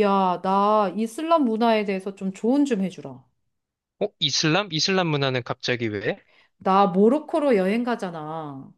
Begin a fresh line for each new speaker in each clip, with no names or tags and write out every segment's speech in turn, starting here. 야, 나 이슬람 문화에 대해서 좀 조언 좀 해주라.
어? 이슬람? 이슬람 문화는 갑자기 왜?
나 모로코로 여행 가잖아.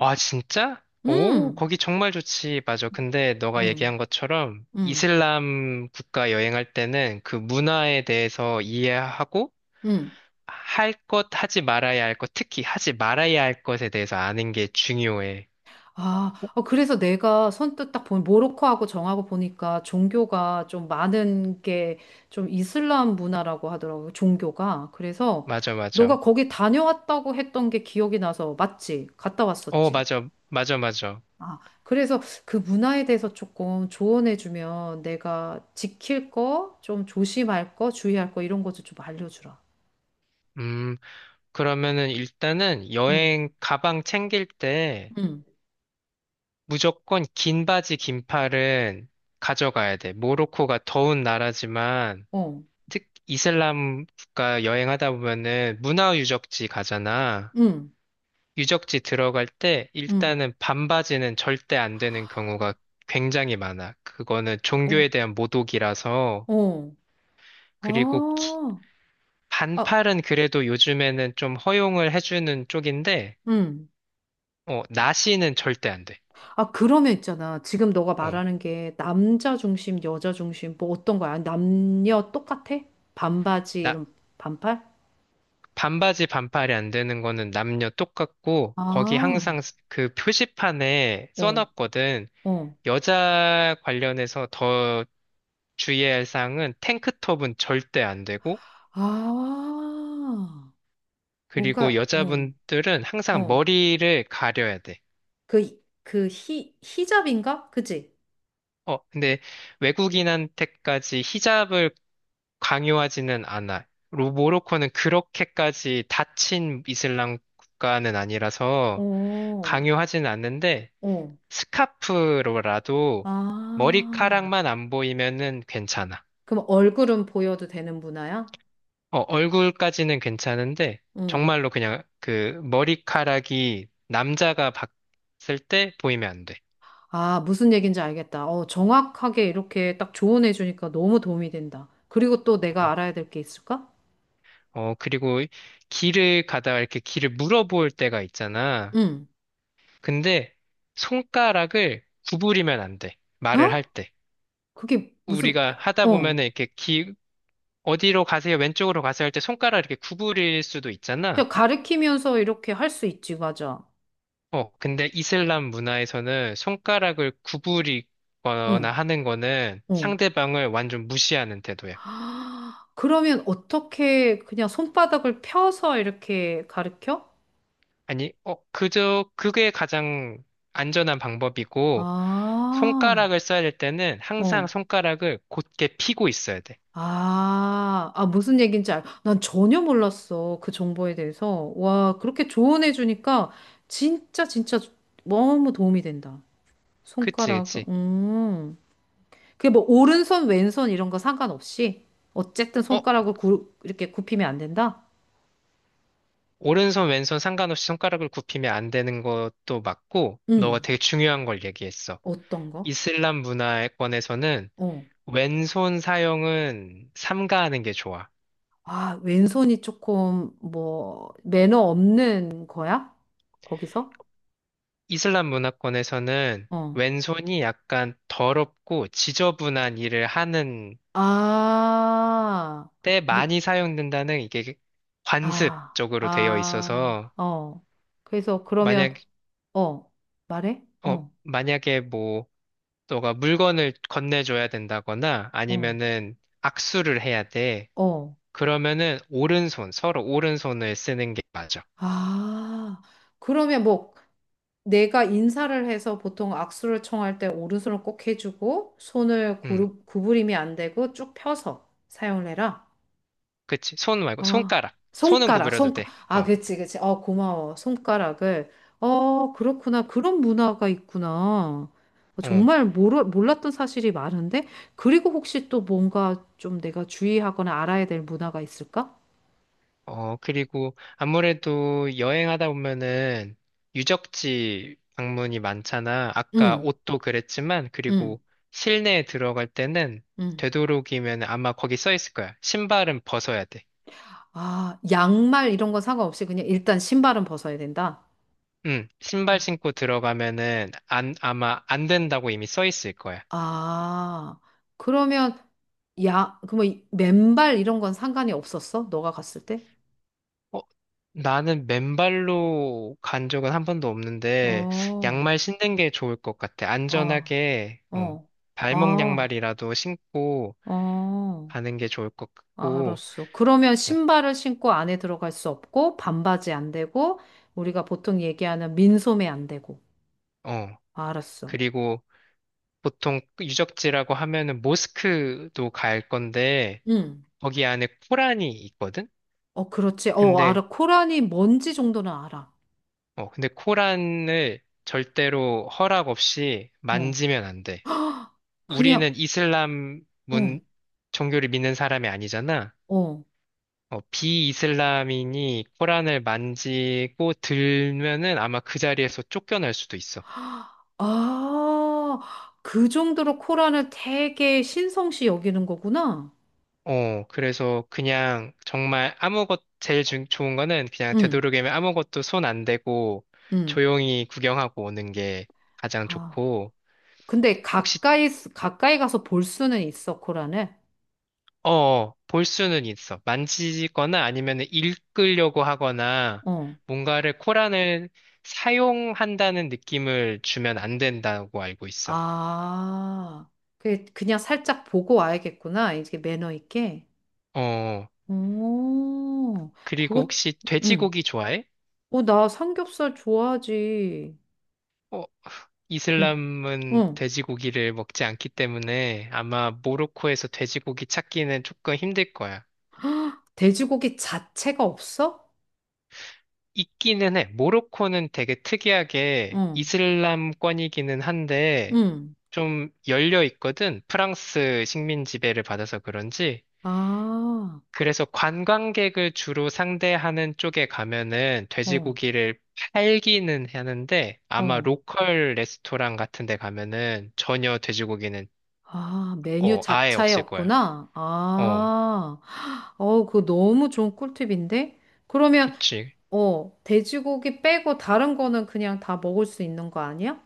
아, 진짜? 오,
응,
거기 정말 좋지. 맞아. 근데 너가
응,
얘기한 것처럼
응,
이슬람 국가 여행할 때는 그 문화에 대해서 이해하고
응.
할 것, 하지 말아야 할 것, 특히 하지 말아야 할 것에 대해서 아는 게 중요해.
아,
어?
어, 그래서 내가 선뜻 딱 보니 모로코하고 정하고 보니까 종교가 좀 많은 게 좀 이슬람 문화라고 하더라고, 종교가. 그래서
맞아,
너가
맞아.
거기 다녀왔다고 했던 게 기억이 나서 맞지? 갔다
어,
왔었지?
맞아. 맞아, 맞아.
아, 그래서 그 문화에 대해서 조금 조언해주면 내가 지킬 거, 좀 조심할 거, 주의할 거 이런 것도 좀 알려주라.
음, 그러면은 일단은
응,
여행 가방 챙길 때
응,
무조건 긴 바지, 긴팔은 가져가야 돼. 모로코가 더운 나라지만,
어,
이슬람 국가 여행하다 보면은 문화 유적지 가잖아.
응,
유적지 들어갈 때
응,
일단은 반바지는 절대 안 되는 경우가 굉장히 많아. 그거는 종교에
어,
대한 모독이라서.
어.
그리고
아, 아,
반팔은 그래도 요즘에는 좀 허용을 해주는 쪽인데,
응.
어, 나시는 절대 안 돼.
아, 그러면 있잖아. 지금 너가
어.
말하는 게 남자 중심, 여자 중심, 뭐 어떤 거야? 남녀 똑같아? 반바지,
나,
이런 반팔?
반바지 반팔이 안 되는 거는 남녀 똑같고 거기
아,
항상 그 표지판에
어,
써놨거든.
어.
여자 관련해서 더 주의해야 할 사항은 탱크톱은 절대 안 되고
아,
그리고
뭔가, 어,
여자분들은 항상
어.
머리를 가려야 돼.
히잡인가? 그지?
어, 근데 외국인한테까지 히잡을 강요하지는 않아. 모로코는 그렇게까지 닫힌 이슬람 국가는 아니라서
오,
강요하지는 않는데
오.
스카프로라도
아,
머리카락만 안 보이면은 괜찮아.
그럼 얼굴은 보여도 되는 문화야?
어, 얼굴까지는 괜찮은데
응.
정말로 그냥 그 머리카락이 남자가 봤을 때 보이면 안 돼.
아, 무슨 얘기인지 알겠다. 어, 정확하게 이렇게 딱 조언해 주니까 너무 도움이 된다. 그리고 또 내가
어.
알아야 될 게 있을까?
어, 그리고 길을 가다가 이렇게 길을 물어볼 때가 있잖아.
응.
근데 손가락을 구부리면 안 돼. 말을
어?
할 때.
그게 무슨,
우리가 하다
어.
보면은 어디로 가세요? 왼쪽으로 가세요? 할 때 손가락 이렇게 구부릴 수도 있잖아.
그냥 가르치면서 이렇게 할 수 있지, 맞아.
어, 근데 이슬람 문화에서는 손가락을 구부리거나
응,
하는 거는
응.
상대방을 완전 무시하는 태도야.
아, 그러면 어떻게 그냥 손바닥을 펴서 이렇게 가르쳐?
아니, 어, 그게 가장 안전한 방법이고,
아.
손가락을 써야 될 때는 항상
어.
손가락을 곧게 펴고 있어야 돼.
아, 아, 무슨 얘기인지 난 전혀 몰랐어. 그 정보에 대해서. 와, 그렇게 조언해주니까 진짜, 진짜 너무 도움이 된다.
그치,
손가락,
그치.
그게 뭐, 오른손, 왼손 이런 거 상관없이? 어쨌든
어,
손가락을 이렇게 굽히면 안 된다?
오른손, 왼손 상관없이 손가락을 굽히면 안 되는 것도 맞고, 너가
음.
되게 중요한 걸 얘기했어.
어떤 거?
이슬람 문화권에서는
어.
왼손 사용은 삼가하는 게 좋아.
아, 왼손이 조금, 뭐, 매너 없는 거야? 거기서?
이슬람 문화권에서는
어.
왼손이 약간 더럽고 지저분한 일을 하는
아.
때 많이 사용된다는 이게 관습
아,
쪽으로 되어 있어서
아, 어. 그래서 그러면,
만약
어, 말해?
어
어,
만약에 뭐 너가 물건을 건네줘야 된다거나
어,
아니면은 악수를 해야 돼.
어.
그러면은 오른손 서로 오른손을 쓰는 게 맞아.
아, 그러면 뭐, 내가 인사를 해서 보통 악수를 청할 때 오른손을 꼭 해주고, 손을
음,
구부림이 안 되고 쭉 펴서 사용을 해라.
그치. 손 말고
아,
손가락. 손은
손가락,
구부려도
손가.
돼.
아,
어,
그치, 그치. 어, 고마워. 손가락을. 어, 그렇구나. 그런 문화가 있구나. 어,
어.
정말 몰랐던 사실이 많은데? 그리고 혹시 또 뭔가 좀 내가 주의하거나 알아야 될 문화가 있을까?
어, 그리고 아무래도 여행하다 보면은 유적지 방문이 많잖아. 아까
응,
옷도 그랬지만,
응,
그리고 실내에 들어갈 때는
응.
되도록이면 아마 거기 써 있을 거야. 신발은 벗어야 돼.
아, 양말 이런 건 상관없이 그냥 일단 신발은 벗어야 된다.
응, 신발
어.
신고 들어가면은 안, 아마 안 된다고 이미 써 있을 거야.
아, 그러면 야, 그뭐 맨발 이런 건 상관이 없었어? 너가 갔을 때?
어, 나는 맨발로 간 적은 한 번도 없는데,
어,
양말 신는 게 좋을 것 같아.
어.
안전하게, 어,
어.
발목
아,
양말이라도 신고,
어.
가는 게 좋을 것 같고,
알았어. 그러면
어,
신발을 신고 안에 들어갈 수 없고, 반바지 안 되고, 우리가 보통 얘기하는 민소매 안 되고.
어.
알았어.
그리고 보통 유적지라고 하면은 모스크도 갈 건데,
응.
거기 안에 코란이 있거든?
어, 그렇지. 어,
근데,
알아. 코란이 뭔지 정도는 알아.
근데 코란을 절대로 허락 없이
어.
만지면 안 돼.
그냥,
우리는
어,
종교를 믿는 사람이 아니잖아.
어.
어, 비이슬람인이 코란을 만지고 들면은 아마 그 자리에서 쫓겨날 수도 있어.
아, 그 정도로 코란을 되게 신성시 여기는 거구나.
어, 그래서 그냥 정말 제일 좋은 거는 그냥
응,
되도록이면 아무것도 손 안 대고
응.
조용히 구경하고 오는 게 가장
아.
좋고,
근데
혹시,
가까이, 가까이 가서 볼 수는 있어, 코란을.
어, 볼 수는 있어. 만지거나 아니면 읽으려고 하거나
어.
뭔가를 코란을 사용한다는 느낌을 주면 안 된다고 알고 있어.
아, 그 그냥 살짝 보고 와야겠구나. 이게 매너 있게.
어,
오,
그리고
그거,
혹시
응.
돼지고기 좋아해?
어, 나 삼겹살 좋아하지.
어,
응.
이슬람은
응.
돼지고기를 먹지 않기 때문에 아마 모로코에서 돼지고기 찾기는 조금 힘들 거야.
돼지고기 자체가 없어?
있기는 해. 모로코는 되게 특이하게
응.
이슬람권이기는 한데
응.
좀 열려 있거든. 프랑스 식민 지배를 받아서 그런지.
아,
그래서 관광객을 주로 상대하는 쪽에 가면은
어,
돼지고기를 팔기는 하는데 아마
어.
로컬 레스토랑 같은 데 가면은 전혀 돼지고기는
아, 메뉴
어, 아예
자체에
없을 거야.
없구나.
어.
아, 어, 그거 너무 좋은 꿀팁인데? 그러면,
그치.
어, 돼지고기 빼고 다른 거는 그냥 다 먹을 수 있는 거 아니야?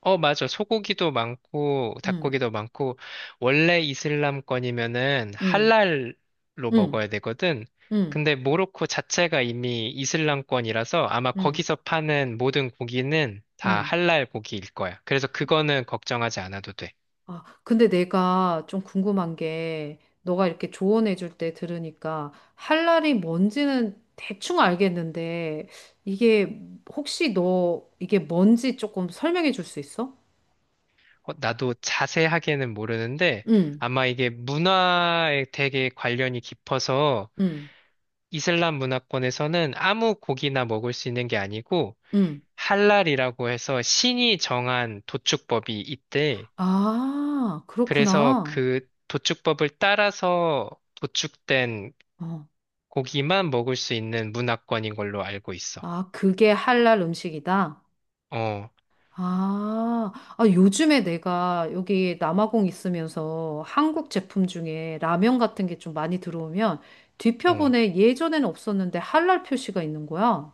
어, 맞아. 소고기도 많고,
응.
닭고기도 많고, 원래 이슬람권이면은
응.
할랄로
응,
먹어야 되거든.
응,
근데 모로코 자체가 이미 이슬람권이라서 아마
응,
거기서 파는 모든 고기는 다
응.
할랄 고기일 거야. 그래서 그거는 걱정하지 않아도 돼.
아, 근데 내가 좀 궁금한 게, 너가 이렇게 조언해 줄 때 들으니까, 할랄이 뭔지는 대충 알겠는데, 이게 혹시 너 이게 뭔지 조금 설명해 줄 수 있어?
어, 나도 자세하게는 모르는데
응,
아마 이게 문화에 되게 관련이 깊어서
응,
이슬람 문화권에서는 아무 고기나 먹을 수 있는 게 아니고
응.
할랄이라고 해서 신이 정한 도축법이 있대.
아,
그래서
그렇구나.
그 도축법을 따라서 도축된
어.
고기만 먹을 수 있는 문화권인 걸로 알고 있어.
아, 그게 할랄 음식이다?
어,
아, 아, 요즘에 내가 여기 남아공 있으면서 한국 제품 중에 라면 같은 게 좀 많이 들어오면
어,
뒤편에 예전에는 없었는데 할랄 표시가 있는 거야.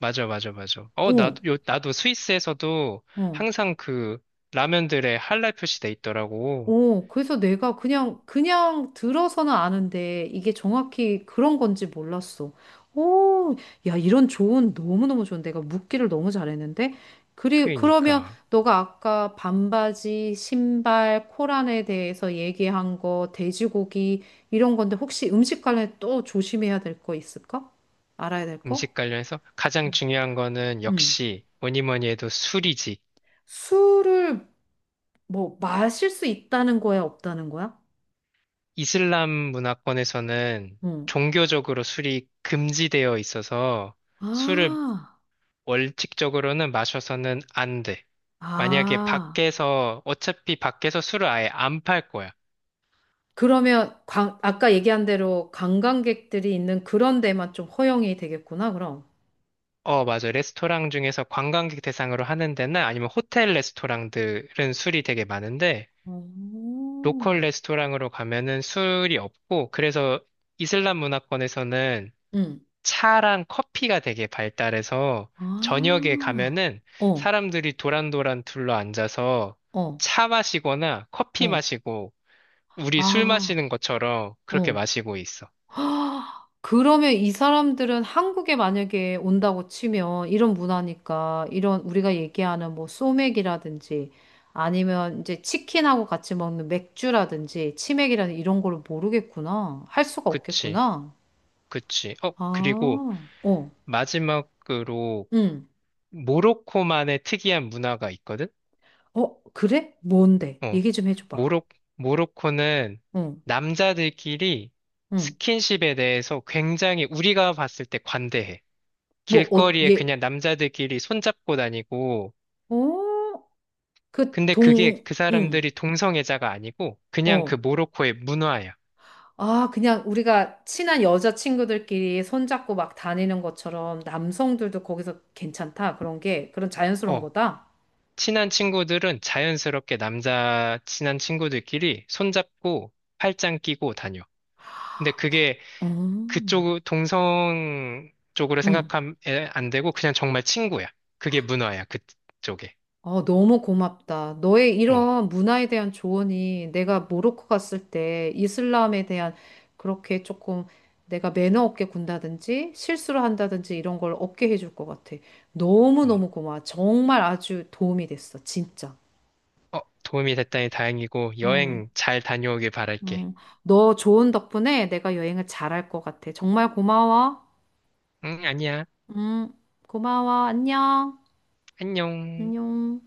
맞아, 맞아, 맞아. 어,
어,
나도 스위스에서도
어.
항상 그 라면들에 할랄 표시돼 있더라고.
오, 그래서 내가 그냥 들어서는 아는데 이게 정확히 그런 건지 몰랐어. 오, 야, 이런 조언 너무너무 좋은데. 내가 묻기를 너무 잘했는데. 그러면
그러니까
너가 아까 반바지, 신발, 코란에 대해서 얘기한 거, 돼지고기, 이런 건데 혹시 음식 관련해 또 조심해야 될 거 있을까? 알아야 될 거?
음식 관련해서 가장 중요한 거는
응.
역시 뭐니 뭐니 해도 술이지.
술을 뭐 마실 수 있다는 거야, 없다는 거야?
이슬람 문화권에서는
응.
종교적으로 술이 금지되어 있어서 술을
아,
원칙적으로는 마셔서는 안 돼. 만약에
아.
밖에서, 어차피 밖에서 술을 아예 안 팔 거야.
그러면 아까 얘기한 대로 관광객들이 있는 그런 데만 좀 허용이 되겠구나, 그럼.
어, 맞아. 레스토랑 중에서 관광객 대상으로 하는 데나 아니면 호텔 레스토랑들은 술이 되게 많은데,
오.
로컬 레스토랑으로 가면은 술이 없고, 그래서 이슬람 문화권에서는
응.
차랑 커피가 되게 발달해서 저녁에
아,
가면은
어,
사람들이 도란도란 둘러 앉아서
어,
차 마시거나 커피
어.
마시고 우리 술
아,
마시는 것처럼 그렇게
어.
마시고 있어.
헉, 그러면 이 사람들은 한국에 만약에 온다고 치면 이런 문화니까 이런 우리가 얘기하는 뭐 소맥이라든지 아니면 이제 치킨하고 같이 먹는 맥주라든지 치맥이라든지 이런 걸 모르겠구나. 할 수가
그치,
없겠구나.
그치. 어, 그리고
아, 어.
마지막으로
응.
모로코만의 특이한 문화가 있거든?
어, 그래? 뭔데?
어,
얘기 좀 해줘봐.
모로, 모로코는
응,
남자들끼리
응.
스킨십에 대해서 굉장히 우리가 봤을 때 관대해.
뭐, 어,
길거리에
얘,
그냥 남자들끼리 손잡고 다니고,
어, 그
근데 그게
동,
그
응,
사람들이 동성애자가 아니고, 그냥 그
어.
모로코의 문화야.
아, 그냥 우리가 친한 여자친구들끼리 손잡고 막 다니는 것처럼 남성들도 거기서 괜찮다. 그런 게, 그런 자연스러운
어,
거다.
친한 친구들은 자연스럽게 남자 친한 친구들끼리 손잡고 팔짱 끼고 다녀. 근데
그,
그게
음,
그쪽 동성 쪽으로
응.
생각하면 안 되고, 그냥 정말 친구야. 그게 문화야, 그쪽에.
어, 너무 고맙다. 너의
어,
이런 문화에 대한 조언이 내가 모로코 갔을 때 이슬람에 대한 그렇게 조금 내가 매너 없게 군다든지 실수를 한다든지 이런 걸 없게 해줄 것 같아.
어,
너무너무 고마워. 정말 아주 도움이 됐어. 진짜.
어, 도움이 됐다니 다행이고,
응,
여행 잘 다녀오길 바랄게.
응. 너 좋은 덕분에 내가 여행을 잘 할 것 같아. 정말 고마워.
응, 아니야.
응, 고마워. 안녕.
안녕.
안녕.